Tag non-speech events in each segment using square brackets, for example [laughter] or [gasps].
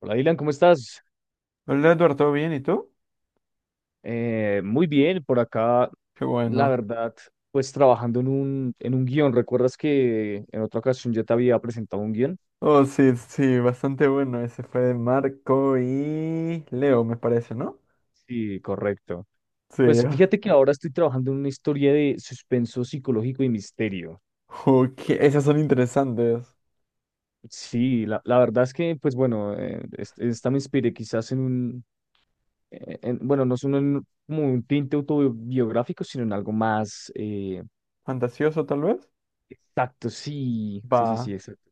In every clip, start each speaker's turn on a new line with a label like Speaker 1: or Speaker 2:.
Speaker 1: Hola, Dylan, ¿cómo estás?
Speaker 2: Hola Eduardo, ¿bien? ¿Y tú?
Speaker 1: Muy bien, por acá,
Speaker 2: Qué
Speaker 1: la
Speaker 2: bueno.
Speaker 1: verdad, pues trabajando en un guión. ¿Recuerdas que en otra ocasión yo te había presentado un guión?
Speaker 2: Oh, sí, sí, bastante bueno. Ese fue de Marco y Leo, me parece, ¿no?
Speaker 1: Sí, correcto.
Speaker 2: Sí.
Speaker 1: Pues fíjate que ahora estoy trabajando en una historia de suspenso psicológico y misterio.
Speaker 2: Ok, esas son interesantes.
Speaker 1: Sí, la verdad es que, pues bueno, esta me inspiré quizás en bueno, no es un, en- como un tinte autobiográfico, sino en algo más
Speaker 2: ¿Fantasioso, tal vez?
Speaker 1: exacto, sí, sí, sí,
Speaker 2: Va.
Speaker 1: sí, exacto.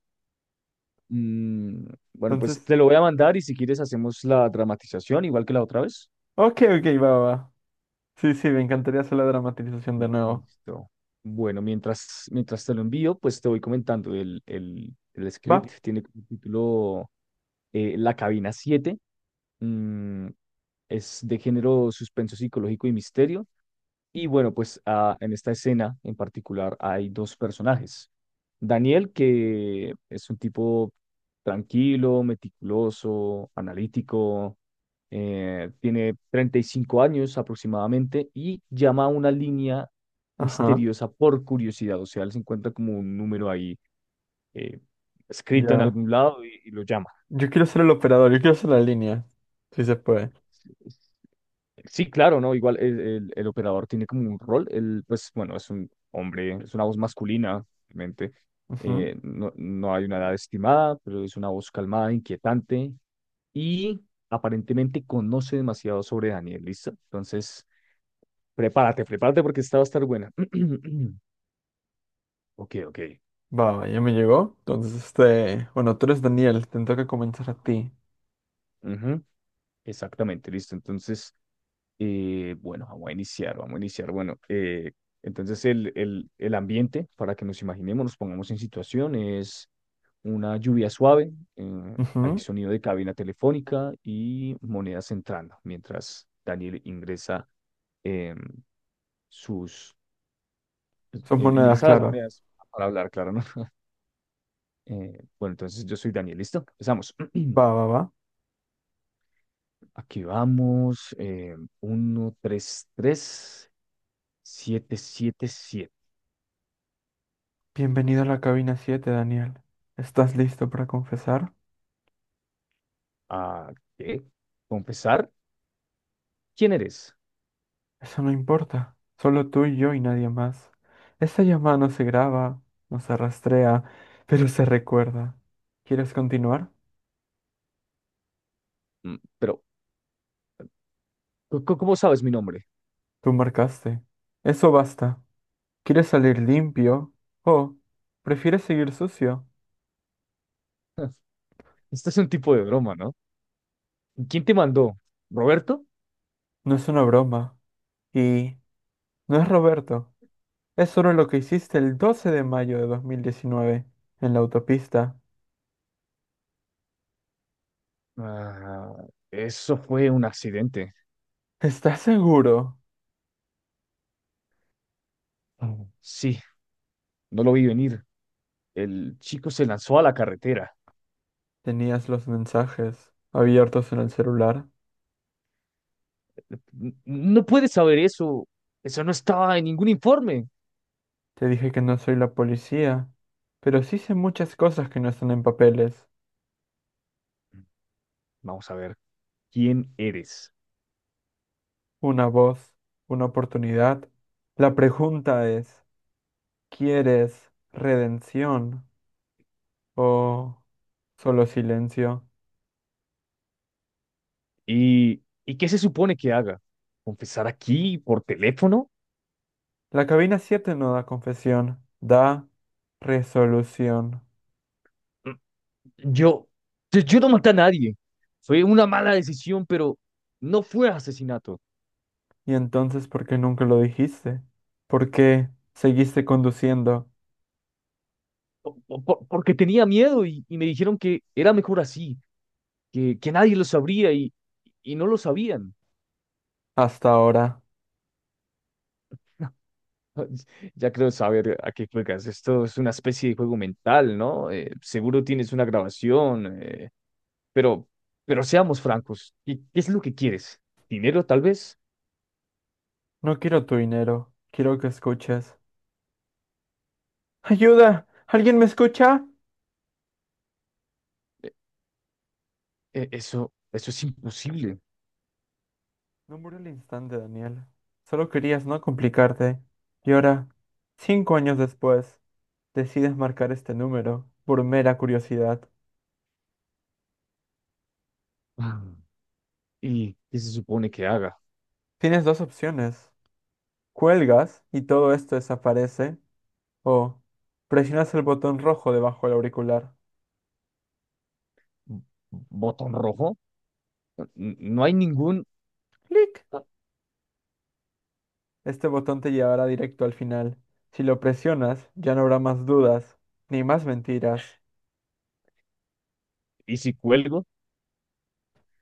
Speaker 1: Mm, bueno, pues
Speaker 2: Entonces,
Speaker 1: te lo voy a mandar y si quieres hacemos la dramatización igual que la otra vez.
Speaker 2: ok, ok, va, va. Sí, sí, me encantaría hacer la dramatización de nuevo.
Speaker 1: Listo. Bueno, mientras te lo envío, pues te voy comentando. El
Speaker 2: Va.
Speaker 1: script tiene como título La Cabina siete. Mm, es de género suspenso psicológico y misterio. Y bueno, pues en esta escena en particular hay dos personajes. Daniel, que es un tipo tranquilo, meticuloso, analítico, tiene 35 años aproximadamente y llama a una línea
Speaker 2: Ajá,
Speaker 1: misteriosa por curiosidad. O sea, él se encuentra como un número ahí eh, escrito en
Speaker 2: ya.
Speaker 1: algún lado y lo llama.
Speaker 2: Yo quiero ser el operador, yo quiero ser la línea. Sí se puede.
Speaker 1: Sí, claro, ¿no? Igual el operador tiene como un rol, él, pues bueno, es un hombre, es una voz masculina, obviamente.
Speaker 2: Ujú.
Speaker 1: No hay una edad estimada, pero es una voz calmada, inquietante y aparentemente conoce demasiado sobre Daniel, ¿listo? Entonces, prepárate, prepárate porque esta va a estar buena. [clears throat] Ok, ok.
Speaker 2: Va, va, ya me llegó. Entonces, este, bueno, tú eres Daniel, te toca comenzar a ti.
Speaker 1: Ujú, exactamente, listo. Entonces, bueno, vamos a iniciar, vamos a iniciar. Bueno, entonces el ambiente, para que nos imaginemos, nos pongamos en situaciones, una lluvia suave, hay
Speaker 2: Ujú.
Speaker 1: sonido de cabina telefónica y monedas entrando, mientras Daniel ingresa eh, sus
Speaker 2: Son monedas,
Speaker 1: ingresa las
Speaker 2: claro.
Speaker 1: monedas para hablar, claro, ¿no? [laughs] Bueno, entonces yo soy Daniel, ¿listo? Empezamos. [clears throat]
Speaker 2: Va, va, va.
Speaker 1: Aquí vamos. 1, 3 3, 7 7 7.
Speaker 2: Bienvenido a la cabina 7, Daniel. ¿Estás listo para confesar?
Speaker 1: ¿A qué? ¿Confesar? ¿Quién eres?
Speaker 2: Eso no importa. Solo tú y yo y nadie más. Esta llamada no se graba, no se rastrea, pero se recuerda. ¿Quieres continuar?
Speaker 1: Pero, ¿cómo sabes mi nombre?
Speaker 2: Tú marcaste. Eso basta. ¿Quieres salir limpio? ¿O prefieres seguir sucio?
Speaker 1: Este es un tipo de broma, ¿no? ¿Quién te mandó? ¿Roberto?
Speaker 2: No es una broma. Y no es Roberto. Es solo lo que hiciste el 12 de mayo de 2019 en la autopista.
Speaker 1: Ah, eso fue un accidente.
Speaker 2: ¿Estás seguro?
Speaker 1: Mm. Sí, no lo vi venir. El chico se lanzó a la carretera.
Speaker 2: Tenías los mensajes abiertos en el celular.
Speaker 1: No puedes saber eso. Eso no estaba en ningún informe.
Speaker 2: Te dije que no soy la policía, pero sí sé muchas cosas que no están en papeles.
Speaker 1: Vamos a ver, ¿quién eres?
Speaker 2: Una voz, una oportunidad. La pregunta es, ¿quieres redención o solo silencio?
Speaker 1: Y qué se supone que haga? ¿Confesar aquí por teléfono?
Speaker 2: La cabina 7 no da confesión, da resolución.
Speaker 1: Mm, Yo, yo no maté a nadie. Fue una mala decisión, pero no fue asesinato.
Speaker 2: ¿Y entonces por qué nunca lo dijiste? ¿Por qué seguiste conduciendo
Speaker 1: Porque tenía miedo y me dijeron que era mejor así, que nadie lo sabría y no lo sabían.
Speaker 2: hasta ahora?
Speaker 1: [laughs] Ya creo saber a qué juegas. Esto es una especie de juego mental, ¿no? Seguro tienes una grabación, pero, pero seamos francos. ¿Qué es lo que quieres? ¿Dinero, tal vez?
Speaker 2: No quiero tu dinero, quiero que escuches. ¡Ayuda! ¿Alguien me escucha?
Speaker 1: Eh, eso es imposible. [gasps]
Speaker 2: No murió al instante, Daniel. Solo querías no complicarte. Y ahora, 5 años después, decides marcar este número por mera curiosidad.
Speaker 1: Ah, ¿y qué se supone que haga?
Speaker 2: Tienes dos opciones. Cuelgas y todo esto desaparece. O presionas el botón rojo debajo del auricular.
Speaker 1: ¿Botón rojo? No hay ningún...
Speaker 2: ¡Clic! Este botón te llevará directo al final. Si lo presionas, ya no habrá más dudas, ni más mentiras.
Speaker 1: ¿Y si cuelgo?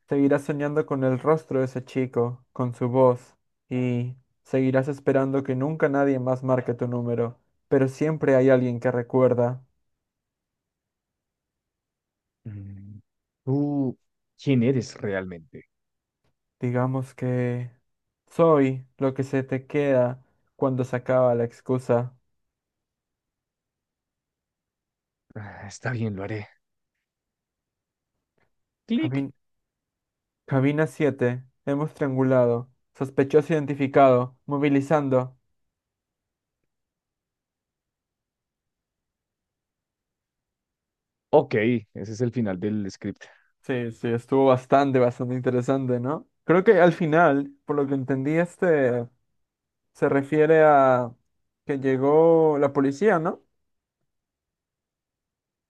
Speaker 2: Seguirás soñando con el rostro de ese chico, con su voz, y seguirás esperando que nunca nadie más marque tu número, pero siempre hay alguien que recuerda,
Speaker 1: Mm, ¿tú quién eres realmente?
Speaker 2: digamos que soy lo que se te queda cuando se acaba la excusa.
Speaker 1: Ah, está bien, lo haré. Clic.
Speaker 2: Cabin- Cabina 7. Hemos triangulado, sospechoso identificado, movilizando.
Speaker 1: Ok, ese es el final del script.
Speaker 2: Sí, sí, estuvo bastante, bastante interesante, ¿no? Creo que al final, por lo que entendí, este... Se refiere a que llegó la policía, ¿no?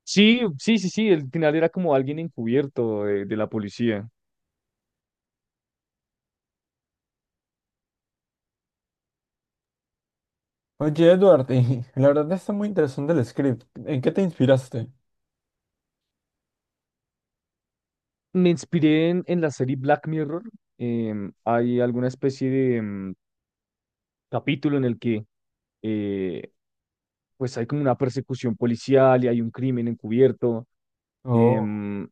Speaker 1: Sí, sí, sí, sí, el final era como alguien encubierto de la policía.
Speaker 2: Oye, Edward, y [laughs] la verdad está muy interesante el script. ¿En qué te inspiraste?
Speaker 1: Me inspiré en la serie Black Mirror. Hay alguna especie de capítulo en el que eh, pues hay como una persecución policial y hay un crimen encubierto.
Speaker 2: Oh,
Speaker 1: em,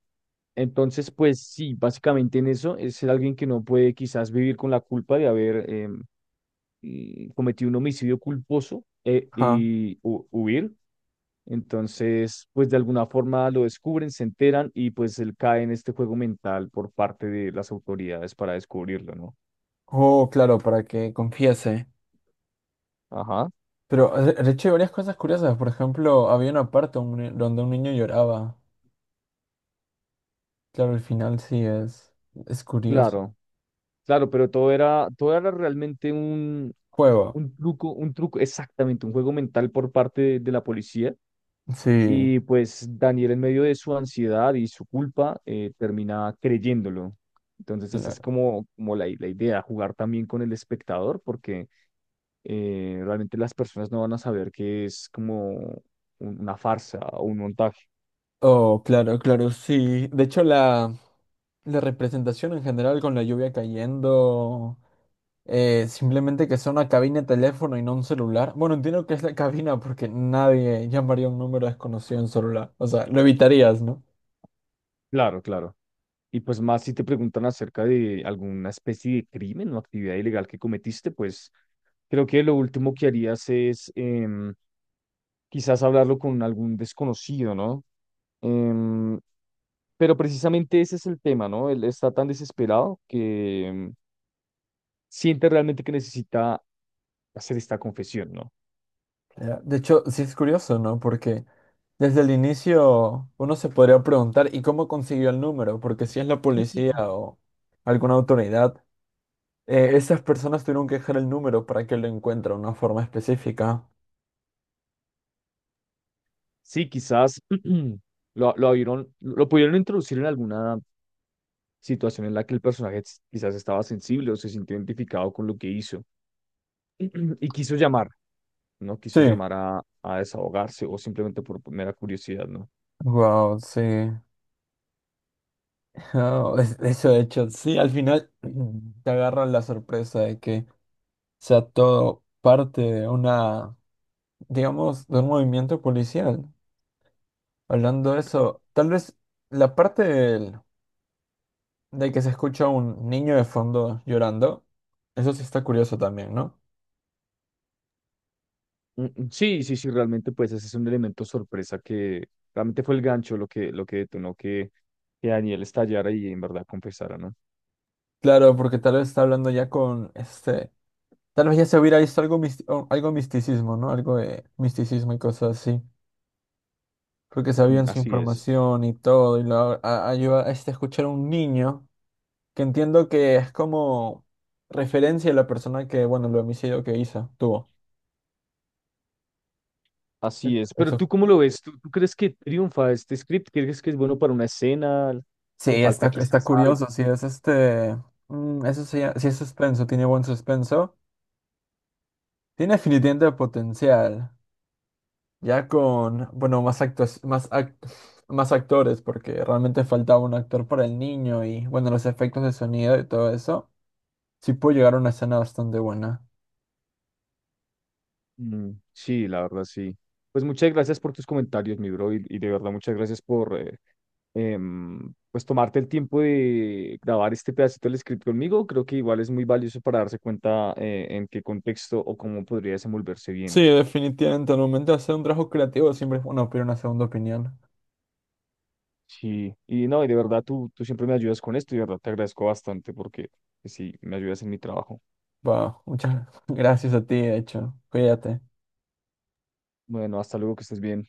Speaker 1: entonces, pues sí, básicamente en eso es ser alguien que no puede quizás vivir con la culpa de haber cometido un homicidio culposo eh,
Speaker 2: ajá.
Speaker 1: y hu- huir. Entonces, pues de alguna forma lo descubren, se enteran y pues él cae en este juego mental por parte de las autoridades para descubrirlo, ¿no?
Speaker 2: Oh, claro, para que confiese.
Speaker 1: Ajá,
Speaker 2: Pero, de hecho, hay varias cosas curiosas. Por ejemplo, había una parte un ni- donde un niño lloraba. Claro, el final sí es curioso.
Speaker 1: claro, claro, pero todo era realmente
Speaker 2: Juego.
Speaker 1: un truco, exactamente, un juego mental por parte de la policía.
Speaker 2: Sí,
Speaker 1: Y pues Daniel en medio de su ansiedad y su culpa termina creyéndolo. Entonces, esa es
Speaker 2: claro.
Speaker 1: como, como la idea, jugar también con el espectador, porque realmente las personas no van a saber que es como una farsa o un montaje.
Speaker 2: Oh, claro, claro, sí. De hecho, la representación en general con la lluvia cayendo. Simplemente que sea una cabina de teléfono y no un celular. Bueno, entiendo que es la cabina porque nadie llamaría a un número desconocido en celular. O sea, lo evitarías, ¿no?
Speaker 1: Claro, claro. Y pues más si te preguntan acerca de alguna especie de crimen o actividad ilegal que cometiste, pues creo que lo último que harías es quizás hablarlo con algún desconocido, ¿no? Em, pero precisamente ese es el tema, ¿no? Él está tan desesperado que siente realmente que necesita hacer esta confesión, ¿no?
Speaker 2: De hecho, sí es curioso, ¿no? Porque desde el inicio uno se podría preguntar, ¿y cómo consiguió el número? Porque si es la policía o alguna autoridad, esas personas tuvieron que dejar el número para que lo encuentre de una forma específica.
Speaker 1: Sí, quizás [clears throat] lo pudieron introducir en alguna situación en la que el personaje quizás estaba sensible o se sintió identificado con lo que hizo [clears throat] y quiso llamar, ¿no? Quiso
Speaker 2: Sí.
Speaker 1: llamar a desahogarse o simplemente por mera curiosidad, ¿no?
Speaker 2: Wow, sí. [laughs] Oh, eso de hecho, sí, al final [clears throat] te agarran la sorpresa de que sea todo parte de una, digamos, de un movimiento policial. Hablando de eso, tal vez la de que se escucha un niño de fondo llorando, eso sí está curioso también, ¿no?
Speaker 1: Sí, sí, sí, realmente pues ese es un elemento sorpresa que realmente fue el gancho lo que detonó que Daniel estallara y en verdad confesara, ¿no?
Speaker 2: Claro, porque tal vez está hablando ya con este, tal vez ya se hubiera visto algo, o algo misticismo, ¿no? Algo de misticismo y cosas así. Porque
Speaker 1: Mm,
Speaker 2: sabían su
Speaker 1: así es.
Speaker 2: información y todo, y lo ayuda a este, escuchar a un niño. Que entiendo que es como referencia a la persona que, bueno, el homicidio que hizo, tuvo.
Speaker 1: Así es, pero
Speaker 2: Eso.
Speaker 1: ¿tú cómo lo ves? ¿Tú crees que triunfa este script? ¿Crees que es bueno para una escena?
Speaker 2: Sí,
Speaker 1: ¿Le
Speaker 2: está,
Speaker 1: falta
Speaker 2: está
Speaker 1: quizás algo?
Speaker 2: curioso, sí, es este, mm, eso sí, sí es suspenso, tiene buen suspenso, tiene definitivamente potencial, ya con, bueno, más actos, más actores, porque realmente faltaba un actor para el niño y, bueno, los efectos de sonido y todo eso, sí puede llegar a una escena bastante buena.
Speaker 1: Mm, sí, la verdad, sí. Pues muchas gracias por tus comentarios, mi bro, y de verdad muchas gracias por pues tomarte el tiempo de grabar este pedacito del script conmigo. Creo que igual es muy valioso para darse cuenta, en qué contexto o cómo podría desenvolverse
Speaker 2: Sí,
Speaker 1: bien.
Speaker 2: definitivamente, al momento de hacer un trabajo creativo siempre es bueno pedir una segunda opinión.
Speaker 1: Sí, y no, y de verdad tú siempre me ayudas con esto y de verdad te agradezco bastante porque pues, sí, me ayudas en mi trabajo.
Speaker 2: Wow, muchas [laughs] gracias a ti, de hecho. Cuídate.
Speaker 1: Bueno, hasta luego, que estés bien.